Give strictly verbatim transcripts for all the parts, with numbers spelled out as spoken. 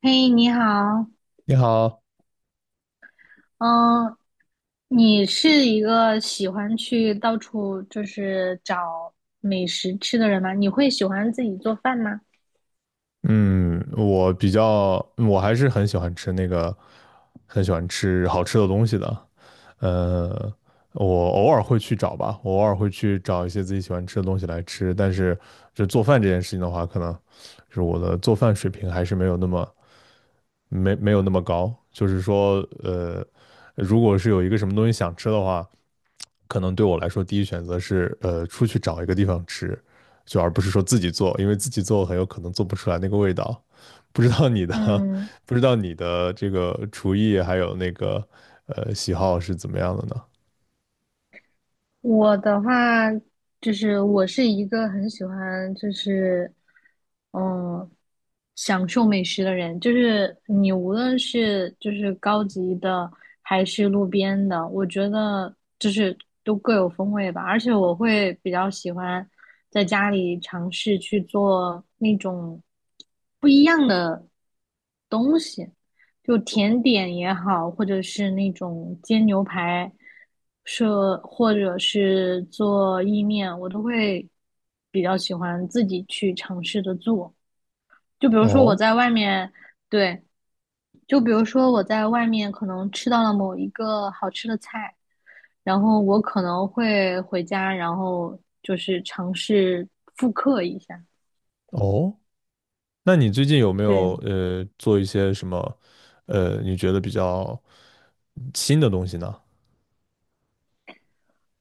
嘿，你好。你好。嗯，你是一个喜欢去到处就是找美食吃的人吗？你会喜欢自己做饭吗？嗯，我比较，我还是很喜欢吃那个，很喜欢吃好吃的东西的。呃，我偶尔会去找吧，我偶尔会去找一些自己喜欢吃的东西来吃。但是，就做饭这件事情的话，可能就是我的做饭水平还是没有那么没没有那么高。就是说，呃，如果是有一个什么东西想吃的话，可能对我来说，第一选择是呃出去找一个地方吃，就而不是说自己做，因为自己做很有可能做不出来那个味道。不知道你的，嗯，不知道你的这个厨艺还有那个呃喜好是怎么样的呢？我的话就是我是一个很喜欢就是嗯享受美食的人，就是你无论是就是高级的还是路边的，我觉得就是都各有风味吧。而且我会比较喜欢在家里尝试去做那种不一样的东西。就甜点也好，或者是那种煎牛排，是或者是做意面，我都会比较喜欢自己去尝试着做。就比如说我哦在外面，对，就比如说我在外面可能吃到了某一个好吃的菜，然后我可能会回家，然后就是尝试复刻一下。哦，那你最近有没有对。呃做一些什么呃你觉得比较新的东西呢？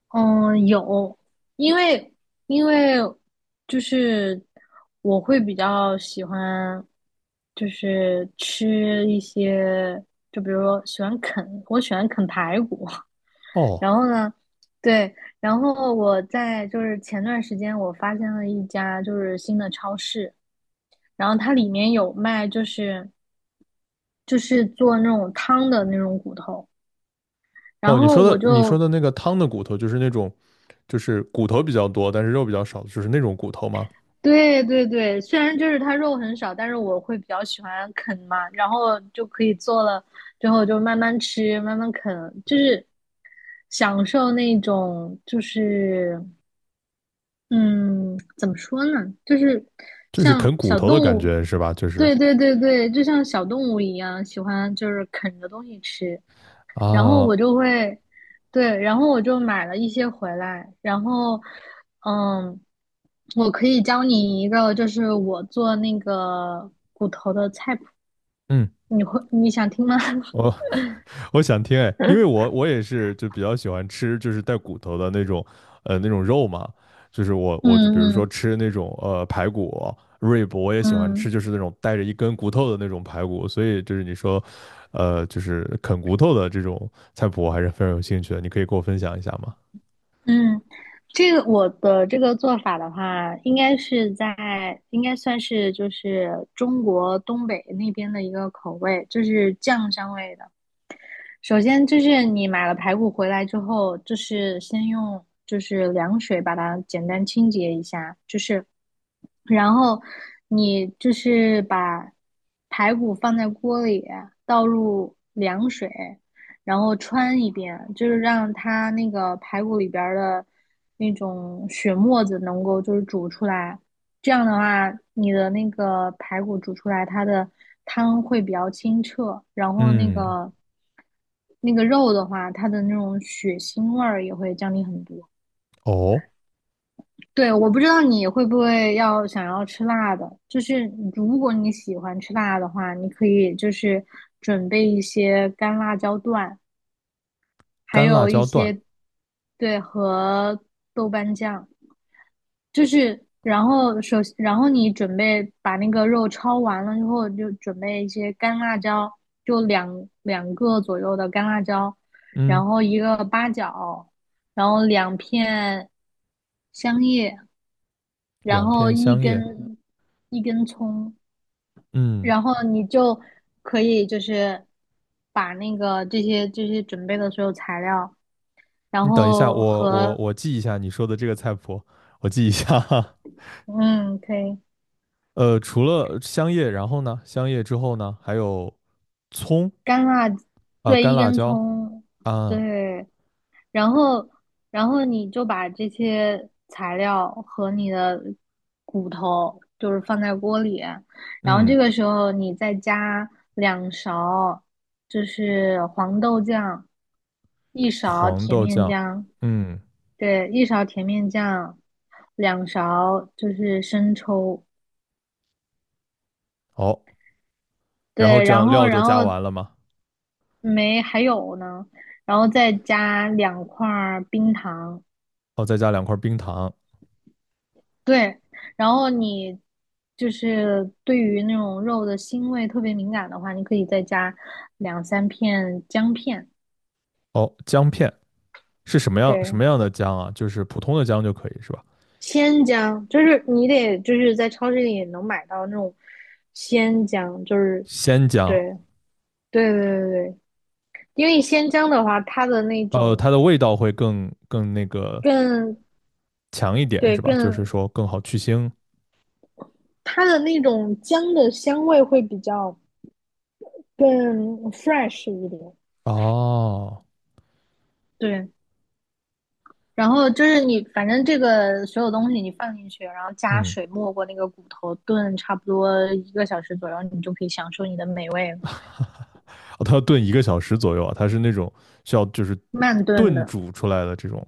嗯，有。因为因为就是我会比较喜欢，就是吃一些，就比如说喜欢啃，我喜欢啃排骨。哦然后呢，对，然后我在就是前段时间我发现了一家就是新的超市，然后它里面有卖就是就是做那种汤的那种骨头，然哦，你后说我的你说就的那个汤的骨头就是那种，就是骨头比较多，但是肉比较少，就是那种骨头吗？对对对，虽然就是它肉很少，但是我会比较喜欢啃嘛，然后就可以做了之后就慢慢吃，慢慢啃，就是享受那种就是嗯，怎么说呢，就是就是像啃骨小头的动感物，觉是吧？就是对对对对，就像小动物一样，喜欢就是啃着东西吃。然后啊。我就会，对，然后我就买了一些回来，然后，嗯，我可以教你一个，就是我做那个，嗯，你会你想听吗？我我想听哎，因为我我也是就比较喜欢吃就是带骨头的那种，呃那种肉嘛，就是我我就嗯比如说嗯吃那种呃排骨、rib，我也喜欢吃嗯就是那种带着一根骨头的那种排骨，所以就是你说，呃就是啃骨头的这种菜谱，我还是非常有兴趣的，你可以给我分享一下吗？嗯，这个我的这个做法的话，应该是在应该算是就是中国东北那边的一个口味，就是酱香味的。首先就是你买了排骨回来之后，就是先用就是凉水把它简单清洁一下，就是然后你就是把排骨放在锅里，倒入凉水，然后穿一遍，就是让它那个排骨里边的那种血沫子能够就是煮出来。这样的话，你的那个排骨煮出来，它的汤会比较清澈，然后那嗯。个那个肉的话，它的那种血腥味儿也会降低很多。哦，对，我不知道你会不会要想要吃辣的，就是如果你喜欢吃辣的话，你可以就是准备一些干辣椒段，还干辣有一椒段。些，对，和豆瓣酱。就是，然后首，先，然后你准备把那个肉焯完了之后，就准备一些干辣椒，就两两个左右的干辣椒，嗯，然后一个八角，然后两片香叶，然两后片一香叶。根一根葱，嗯，然后你就可以就是把那个这些这些准备的所有材料，然你等一下，后我我和我记一下你说的这个菜谱，我记一下。嗯，可以。呃，除了香叶，然后呢，香叶之后呢，还有葱干辣，啊、对，干一辣根椒葱，啊。对，然后然后你就把这些材料和你的骨头就是放在锅里，然后嗯，这个时候你再加两勺就是黄豆酱，一勺黄甜豆面酱。酱，嗯，对，一勺甜面酱，两勺就是生抽。好，然后对，这然样后料就然加后完了嘛。没还有呢，然后再加两块儿冰糖，哦，再加两块冰糖。对，然后你就是对于那种肉的腥味特别敏感的话，你可以再加两三片姜片，哦，姜片是什么样什对，么样的姜啊？就是普通的姜就可以是吧？鲜姜，就是你得就是在超市里也能买到那种鲜姜，就是鲜姜。对对对对对，因为鲜姜的话，它的那呃，种它的味道会更更那个更强一点对是吧？就是更说更好去腥。它的那种姜的香味会比较。更 fresh 一点。哦。对，然后就是你，反正这个所有东西你放进去，然后加嗯。水没过那个骨头，炖差不多一个小时左右，你就可以享受你的美味。哦，它要炖一个小时左右啊，它是那种需要就是慢炖炖的，煮出来的这种。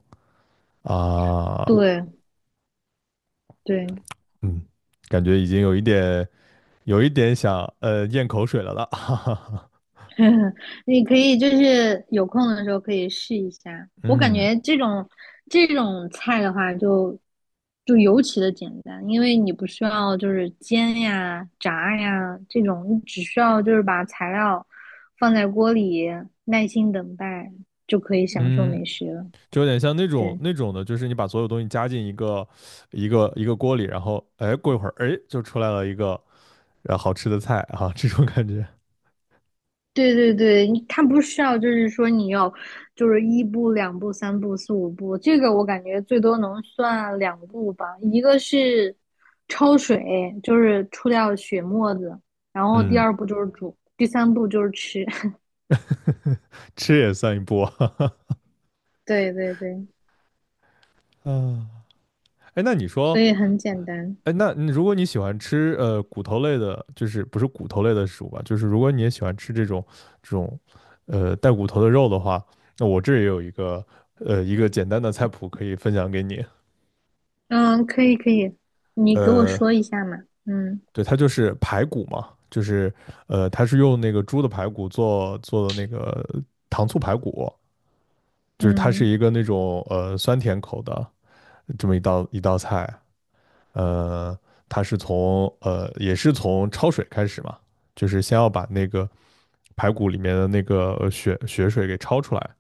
啊。对对。嗯，感觉已经有一点，有一点想呃咽口水了了，哈哈哈。你可以就是有空的时候可以试一下。我感嗯觉这种这种菜的话就，就尤其的简单，因为你不需要就是煎呀、炸呀这种，你只需要就是把材料放在锅里，耐心等待就可以享受嗯，美食了。就有点像那种对。那种的，就是你把所有东西加进一个一个一个锅里，然后哎过一会儿哎就出来了一个呃好吃的菜啊，这种感觉。对对对，你它不需要，就是说你要，就是一步、两步、三步、四五步，这个我感觉最多能算两步吧。一个是焯水，就是出掉血沫子，然后第嗯，二步就是煮，第三步就是吃。吃也算一波，哈哈。对对对，啊。哎，那你所说，以很简单。哎，那你如果你喜欢吃呃骨头类的，就是不是骨头类的食物吧，就是如果你也喜欢吃这种这种呃带骨头的肉的话，那我这儿也有一个呃一个简单的菜谱可以分享给你。嗯，可以可以，你给我呃，说一下嘛。嗯对，它就是排骨嘛，就是呃它是用那个猪的排骨做做的那个糖醋排骨，就是它是嗯一个那种呃酸甜口的这么一道一道菜。呃，它是从呃也是从焯水开始嘛，就是先要把那个排骨里面的那个呃血血水给焯出来，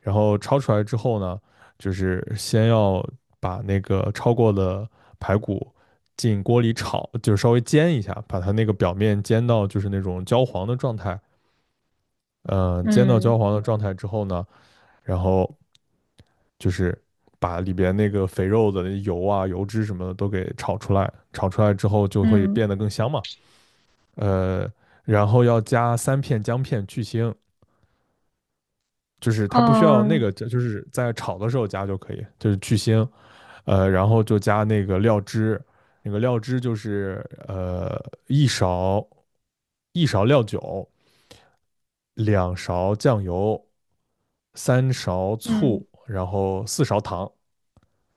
然后焯出来之后呢，就是先要把那个焯过的排骨进锅里炒，就是稍微煎一下，把它那个表面煎到就是那种焦黄的状态。嗯、呃煎到焦嗯黄的状态之后呢，然后就是把里边那个肥肉的油啊、油脂什么的都给炒出来，炒出来之后就会嗯，变得更香嘛。呃，然后要加三片姜片去腥，就是它不需要那哦。个，就是在炒的时候加就可以，就是去腥。呃，然后就加那个料汁，那个料汁就是呃一勺一勺料酒，两勺酱油，三勺嗯，醋，然后四勺糖。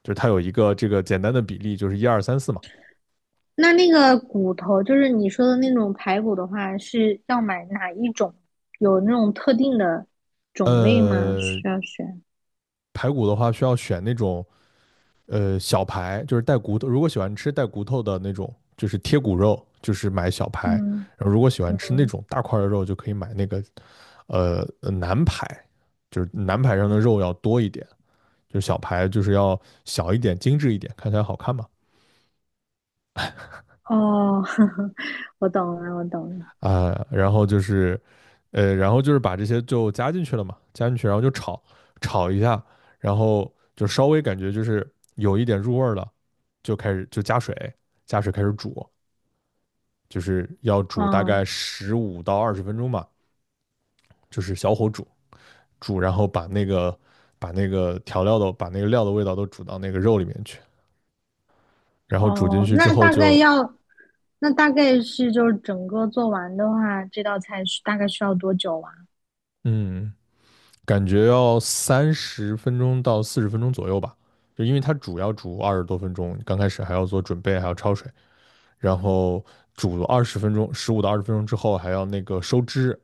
就是它有一个这个简单的比例，就是一二三四嘛。那那个骨头，就是你说的那种排骨的话，是要买哪一种？有那种特定的种类吗？呃，需要选？排骨的话需要选那种呃小排，就是带骨头。如果喜欢吃带骨头的那种，就是贴骨肉，就是买小排；嗯然后如果喜欢吃那嗯，种大块的肉，就可以买那个呃南排，就是南排上的肉要多一点，就是小排就是要小一点、精致一点，看起来好看嘛。哦。我懂了，我懂了。啊，然后就是，呃，然后就是把这些就加进去了嘛，加进去，然后就炒炒一下，然后就稍微感觉就是有一点入味儿了，就开始就加水，加水开始煮，就是要煮大哦概十五到二十分钟吧，就是小火煮煮，然后把那个把那个调料的把那个料的味道都煮到那个肉里面去，然后煮进哦，去之那后大概就要，那大概是就是整个做完的话，这道菜是大概需要多久啊？嗯。感觉要三十分钟到四十分钟左右吧，就因为它煮要煮二十多分钟，刚开始还要做准备，还要焯水，然后煮二十分钟，十五到二十分钟之后还要那个收汁，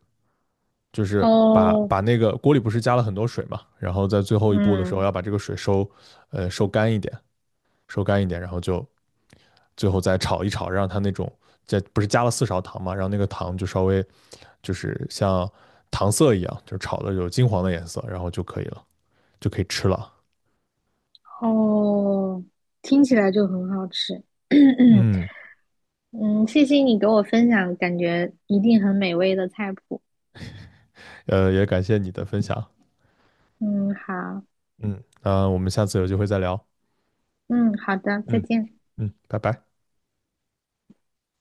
就是把哦，把那个锅里不是加了很多水嘛，然后在最后一步的时候嗯，要把这个水收，呃收干一点，收干一点，然后就最后再炒一炒，让它那种在不是加了四勺糖嘛，让那个糖就稍微就是像糖色一样，就是炒的有金黄的颜色，然后就可以了。就可以吃了。哦，听起来就很好吃。嗯，嗯，谢谢你给我分享，感觉一定很美味的菜谱。呃，也感谢你的分享。嗯，好，嗯，那我们下次有机会再聊。嗯，好的，再嗯见。嗯，拜拜。